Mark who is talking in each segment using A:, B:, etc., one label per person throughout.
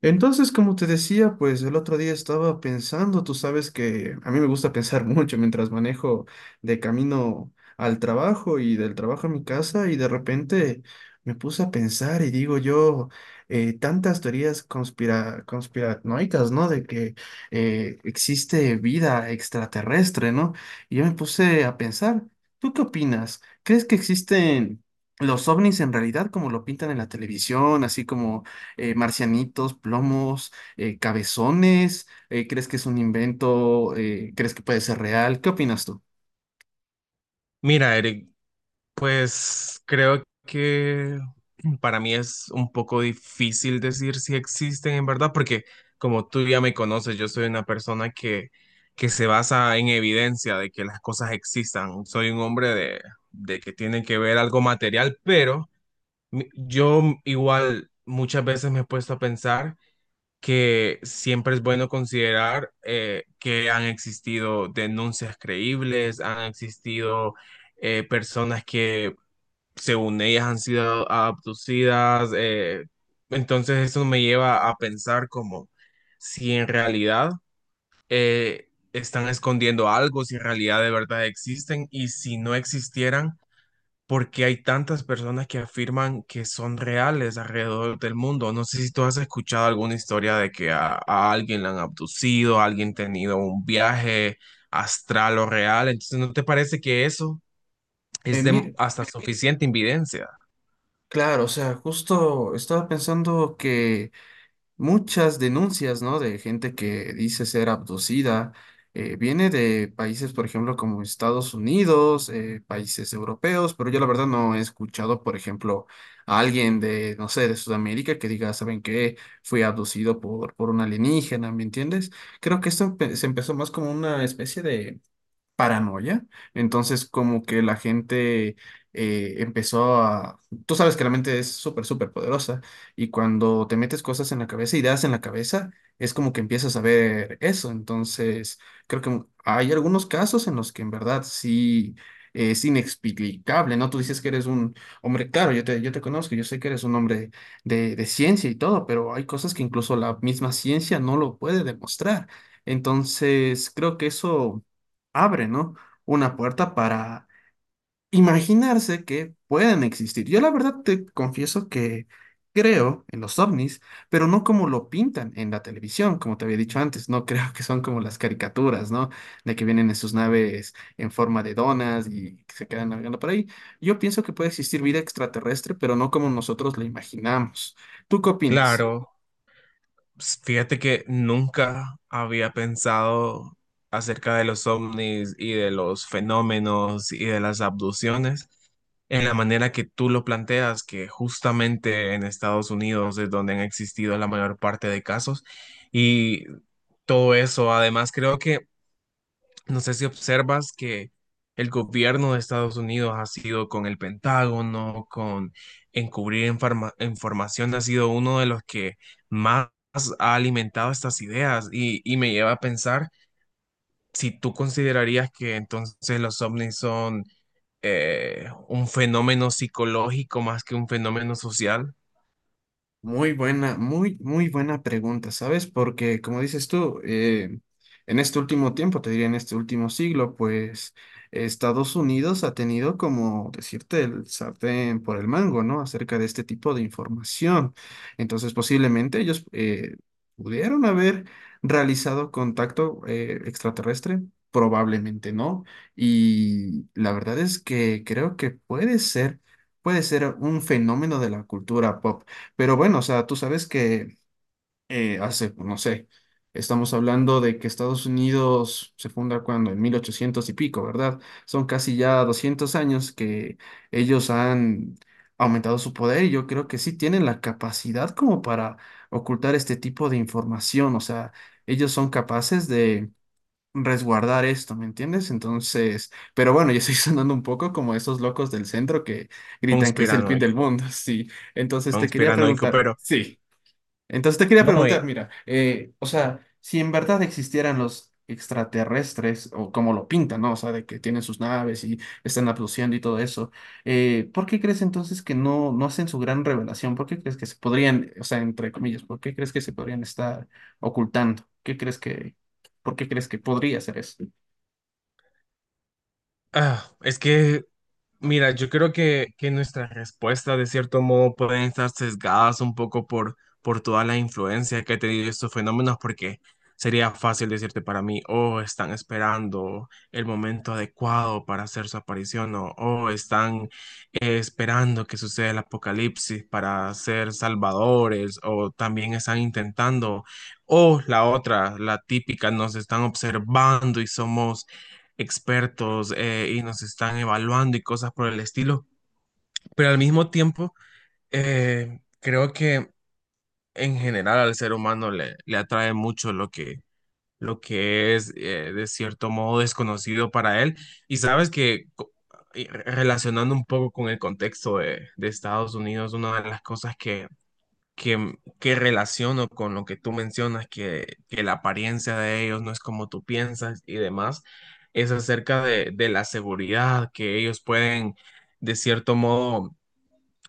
A: Entonces, como te decía, pues el otro día estaba pensando, tú sabes que a mí me gusta pensar mucho mientras manejo de camino al trabajo y del trabajo a mi casa y de repente me puse a pensar y digo yo, tantas teorías conspiranoicas, ¿no? De que existe vida extraterrestre, ¿no? Y yo me puse a pensar, ¿tú qué opinas? ¿Crees que existen... los ovnis en realidad, como lo pintan en la televisión, así como marcianitos, plomos, cabezones? ¿Crees que es un invento? ¿Crees que puede ser real? ¿Qué opinas tú?
B: Mira, Eric, pues creo que para mí es un poco difícil decir si existen en verdad, porque como tú ya me conoces, yo soy una persona que se basa en evidencia de que las cosas existan. Soy un hombre de que tiene que ver algo material, pero yo igual muchas veces me he puesto a pensar que siempre es bueno considerar que han existido denuncias creíbles, han existido personas que según ellas han sido abducidas. Entonces eso me lleva a pensar como si en realidad están escondiendo algo, si en realidad de verdad existen y si no existieran porque hay tantas personas que afirman que son reales alrededor del mundo. No sé si tú has escuchado alguna historia de que a alguien la han abducido, a alguien tenido un viaje astral o real. Entonces, ¿no te parece que eso es de
A: Mire,
B: hasta suficiente evidencia?
A: claro, o sea, justo estaba pensando que muchas denuncias, ¿no? De gente que dice ser abducida. Viene de países, por ejemplo, como Estados Unidos, países europeos, pero yo la verdad no he escuchado, por ejemplo, a alguien de, no sé, de Sudamérica que diga, ¿saben qué? Fui abducido por un alienígena, ¿me entiendes? Creo que esto se empezó más como una especie de paranoia. Entonces, como que la gente empezó a... Tú sabes que la mente es súper, súper poderosa y cuando te metes cosas en la cabeza, ideas en la cabeza, es como que empiezas a ver eso. Entonces, creo que hay algunos casos en los que en verdad sí... Es inexplicable, ¿no? Tú dices que eres un hombre, claro, yo te conozco, yo sé que eres un hombre de ciencia y todo, pero hay cosas que incluso la misma ciencia no lo puede demostrar. Entonces, creo que eso abre, ¿no? Una puerta para imaginarse que pueden existir. Yo la verdad te confieso que creo en los ovnis, pero no como lo pintan en la televisión, como te había dicho antes, no creo que son como las caricaturas, ¿no? De que vienen en sus naves en forma de donas y que se quedan navegando por ahí. Yo pienso que puede existir vida extraterrestre, pero no como nosotros la imaginamos. ¿Tú qué opinas?
B: Claro. Fíjate que nunca había pensado acerca de los ovnis y de los fenómenos y de las abducciones en la manera que tú lo planteas, que justamente en Estados Unidos es donde han existido la mayor parte de casos y todo eso. Además, creo que no sé si observas que el gobierno de Estados Unidos ha sido con el Pentágono, con información, ha sido uno de los que más ha alimentado estas ideas y me lleva a pensar si tú considerarías que entonces los ovnis son un fenómeno psicológico más que un fenómeno social,
A: Muy buena, muy buena pregunta, ¿sabes? Porque como dices tú, en este último tiempo, te diría en este último siglo, pues Estados Unidos ha tenido como decirte el sartén por el mango, ¿no? Acerca de este tipo de información. Entonces, posiblemente ellos pudieron haber realizado contacto extraterrestre, probablemente no. Y la verdad es que creo que puede ser un fenómeno de la cultura pop. Pero bueno, o sea, tú sabes que hace, pues, no sé, estamos hablando de que Estados Unidos se funda cuando, en 1800 y pico, ¿verdad? Son casi ya 200 años que ellos han aumentado su poder y yo creo que sí tienen la capacidad como para ocultar este tipo de información, o sea, ellos son capaces de resguardar esto, ¿me entiendes? Entonces, pero bueno, yo estoy sonando un poco como esos locos del centro que gritan que es el fin del
B: conspiranoico,
A: mundo, sí. Entonces te quería
B: conspiranoico,
A: preguntar,
B: pero
A: sí, entonces te quería
B: no,
A: preguntar, mira, o sea, si en verdad existieran los extraterrestres, o como lo pintan, ¿no? O sea, de que tienen sus naves y están abduciendo y todo eso, ¿por qué crees entonces que no, no hacen su gran revelación? ¿Por qué crees que se podrían, o sea, entre comillas, ¿por qué crees que se podrían estar ocultando? ¿Por qué crees que podría ser eso?
B: ah, es que Mira, yo creo que nuestras respuestas de cierto modo pueden estar sesgadas un poco por toda la influencia que ha tenido estos fenómenos, porque sería fácil decirte para mí, oh, están esperando el momento adecuado para hacer su aparición, o oh, están esperando que suceda el apocalipsis para ser salvadores, o también están intentando, o la otra, la típica, nos están observando y somos expertos y nos están evaluando y cosas por el estilo, pero al mismo tiempo creo que en general al ser humano le atrae mucho lo lo que es de cierto modo desconocido para él y sabes que relacionando un poco con el contexto de Estados Unidos, una de las cosas que relaciono con lo que tú mencionas, que la apariencia de ellos no es como tú piensas y demás, es acerca de la seguridad, que ellos pueden, de cierto modo,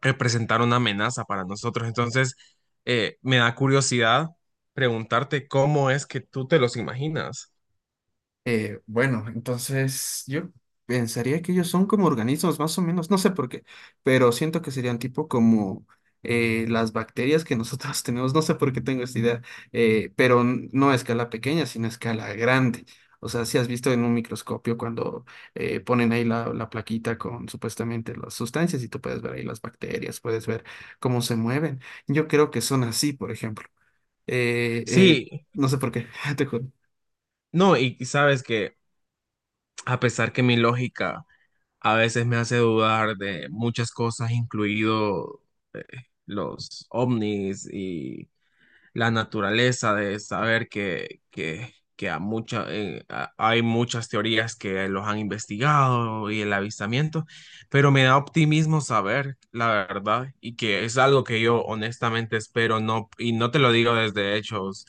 B: representar una amenaza para nosotros. Entonces, me da curiosidad preguntarte cómo es que tú te los imaginas.
A: Bueno, entonces yo pensaría que ellos son como organismos, más o menos, no sé por qué, pero siento que serían tipo como las bacterias que nosotros tenemos, no sé por qué tengo esta idea, pero no a escala pequeña, sino a escala grande. O sea, si has visto en un microscopio cuando ponen ahí la plaquita con supuestamente las sustancias y tú puedes ver ahí las bacterias, puedes ver cómo se mueven. Yo creo que son así, por ejemplo. Eh, eh,
B: Sí,
A: no sé por qué, te juro.
B: no, y sabes que a pesar que mi lógica a veces me hace dudar de muchas cosas, incluido los ovnis y la naturaleza, de saber que a mucha, hay muchas teorías que los han investigado y el avistamiento, pero me da optimismo saber la verdad y que es algo que yo honestamente espero, no, y no te lo digo desde hechos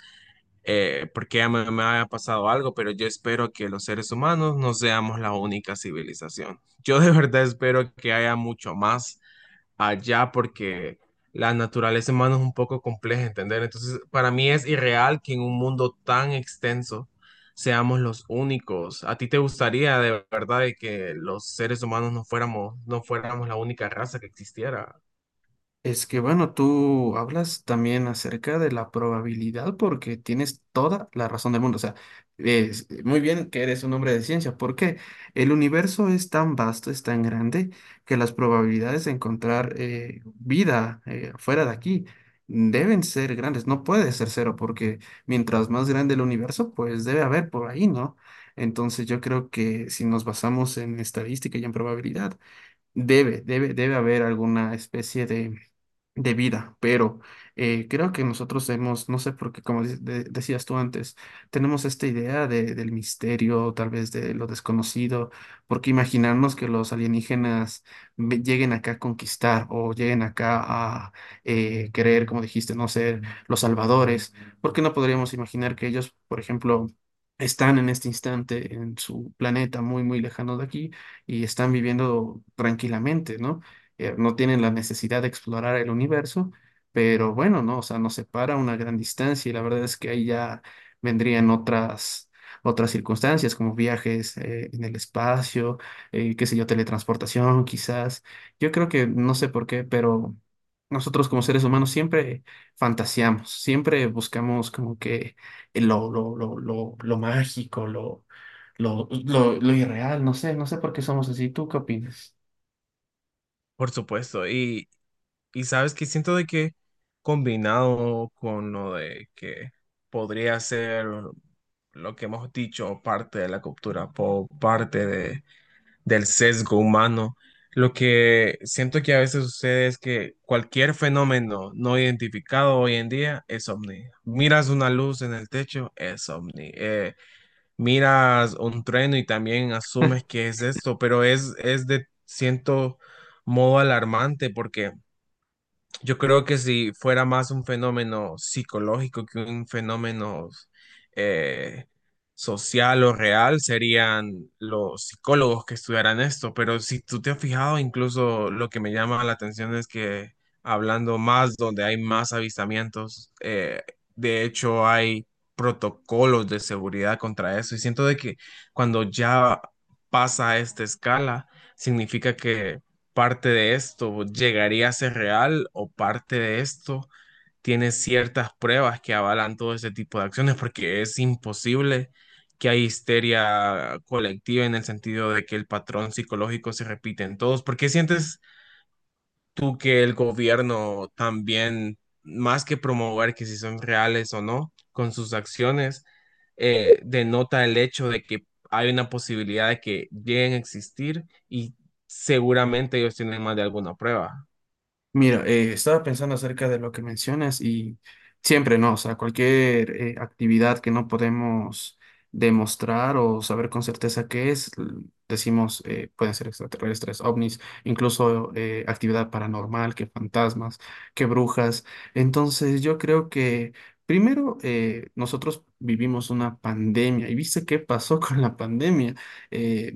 B: porque ya me haya pasado algo, pero yo espero que los seres humanos no seamos la única civilización. Yo de verdad espero que haya mucho más allá porque la naturaleza humana es un poco compleja, ¿entender? Entonces, para mí es irreal que en un mundo tan extenso seamos los únicos. ¿A ti te gustaría de verdad de que los seres humanos no fuéramos la única raza que existiera?
A: Es que bueno, tú hablas también acerca de la probabilidad porque tienes toda la razón del mundo. O sea, es muy bien que eres un hombre de ciencia porque el universo es tan vasto, es tan grande que las probabilidades de encontrar vida fuera de aquí deben ser grandes. No puede ser cero porque mientras más grande el universo, pues debe haber por ahí, ¿no? Entonces yo creo que si nos basamos en estadística y en probabilidad, debe haber alguna especie de vida, pero creo que nosotros hemos, no sé por qué, como decías tú antes, tenemos esta idea del misterio, tal vez de lo desconocido, porque imaginarnos que los alienígenas lleguen acá a conquistar o lleguen acá a querer, como dijiste, no ser los salvadores, ¿por qué no podríamos imaginar que ellos, por ejemplo, están en este instante en su planeta muy, muy lejano de aquí y están viviendo tranquilamente, ¿no? No tienen la necesidad de explorar el universo, pero bueno, no, o sea, nos separa una gran distancia y la verdad es que ahí ya vendrían otras, otras circunstancias como viajes en el espacio, qué sé yo, teletransportación quizás. Yo creo que no sé por qué, pero nosotros como seres humanos siempre fantaseamos, siempre buscamos como que lo mágico, lo irreal, no sé, no sé por qué somos así. ¿Tú qué opinas?
B: Por supuesto. Y sabes que siento de que combinado con lo de que podría ser lo que hemos dicho, parte de la cultura pop, parte de del sesgo humano. Lo que siento que a veces sucede es que cualquier fenómeno no identificado hoy en día es ovni. Miras una luz en el techo, es ovni. Miras un trueno y también asumes que es esto, pero es de cierto modo alarmante porque yo creo que si fuera más un fenómeno psicológico que un fenómeno eh, social o real, serían los psicólogos que estudiaran esto. Pero si tú te has fijado, incluso lo que me llama la atención es que hablando más donde hay más avistamientos, de hecho hay protocolos de seguridad contra eso. Y siento de que cuando ya pasa a esta escala, significa que parte de esto llegaría a ser real o parte de esto tiene ciertas pruebas que avalan todo ese tipo de acciones, porque es imposible que hay histeria colectiva en el sentido de que el patrón psicológico se repite en todos, porque sientes tú que el gobierno también, más que promover que si son reales o no, con sus acciones, denota el hecho de que hay una posibilidad de que lleguen a existir y seguramente ellos tienen más de alguna prueba.
A: Mira, estaba pensando acerca de lo que mencionas y siempre, ¿no? O sea, cualquier actividad que no podemos demostrar o saber con certeza qué es, decimos, pueden ser extraterrestres, ovnis, incluso actividad paranormal, que fantasmas, que brujas. Entonces, yo creo que primero nosotros vivimos una pandemia y viste qué pasó con la pandemia. Eh,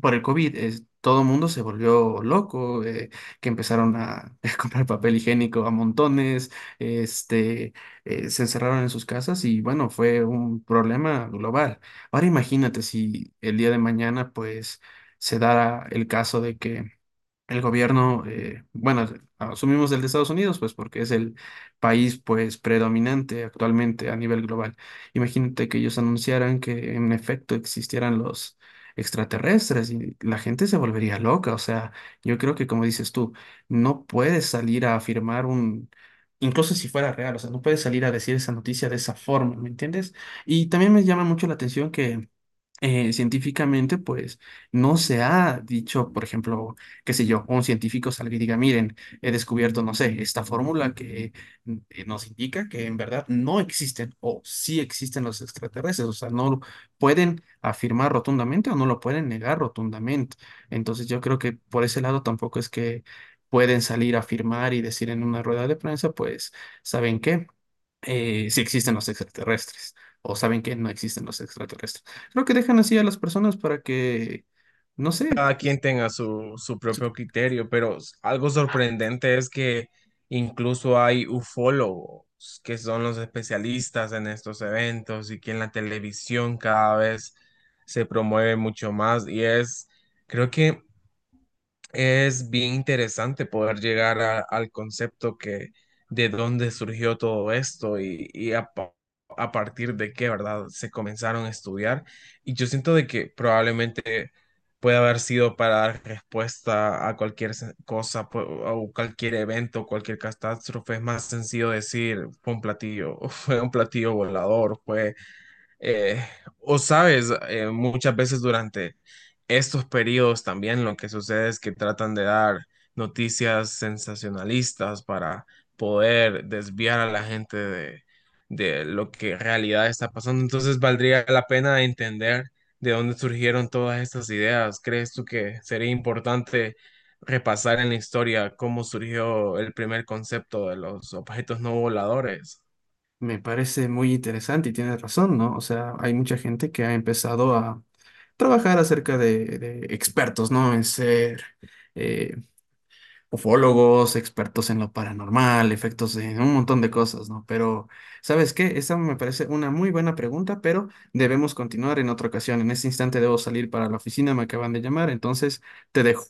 A: por el COVID, es, todo el mundo se volvió loco, que empezaron a, a comprar papel higiénico a montones, este, se encerraron en sus casas y bueno, fue un problema global. Ahora imagínate si el día de mañana pues se dará el caso de que el gobierno, bueno, asumimos el de Estados Unidos, pues porque es el país pues predominante actualmente a nivel global. Imagínate que ellos anunciaran que en efecto existieran los extraterrestres y la gente se volvería loca. O sea, yo creo que como dices tú, no puedes salir a afirmar un... Incluso si fuera real, o sea, no puedes salir a decir esa noticia de esa forma, ¿me entiendes? Y también me llama mucho la atención que científicamente, pues no se ha dicho, por ejemplo, qué sé yo, un científico salga y diga, miren, he descubierto, no sé, esta fórmula que nos indica que en verdad no existen o sí existen los extraterrestres, o sea, no lo pueden afirmar rotundamente o no lo pueden negar rotundamente. Entonces yo creo que por ese lado tampoco es que pueden salir a afirmar y decir en una rueda de prensa, pues, ¿saben qué? Si existen los extraterrestres o saben que no existen los extraterrestres. Creo que dejan así a las personas para que, no sé,
B: Cada quien tenga su propio criterio, pero algo sorprendente es que incluso hay ufólogos, que son los especialistas en estos eventos y que en la televisión cada vez se promueve mucho más creo que es bien interesante poder llegar al concepto que de dónde surgió todo esto y a partir de qué, ¿verdad? Se comenzaron a estudiar y yo siento de que probablemente puede haber sido para dar respuesta a cualquier cosa o cualquier evento, cualquier catástrofe. Es más sencillo decir, fue un platillo, fue un platillo volador, fue eh, o sabes, muchas veces durante estos periodos también lo que sucede es que tratan de dar noticias sensacionalistas para poder desviar a la gente de lo que en realidad está pasando. Entonces valdría la pena entender de dónde surgieron todas estas ideas. ¿Crees tú que sería importante repasar en la historia cómo surgió el primer concepto de los objetos no voladores?
A: me parece muy interesante y tienes razón, ¿no? O sea, hay mucha gente que ha empezado a trabajar acerca de expertos, ¿no? En ser... eh, ufólogos, expertos en lo paranormal, efectos de un montón de cosas, ¿no? Pero, ¿sabes qué? Esa me parece una muy buena pregunta, pero debemos continuar en otra ocasión. En este instante debo salir para la oficina, me acaban de llamar, entonces te dejo.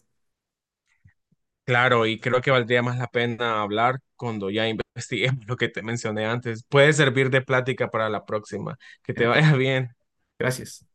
B: Claro, y creo que valdría más la pena hablar cuando ya investiguemos lo que te mencioné antes. Puede servir de plática para la próxima. Que
A: En
B: te
A: efecto.
B: vaya bien.
A: Gracias.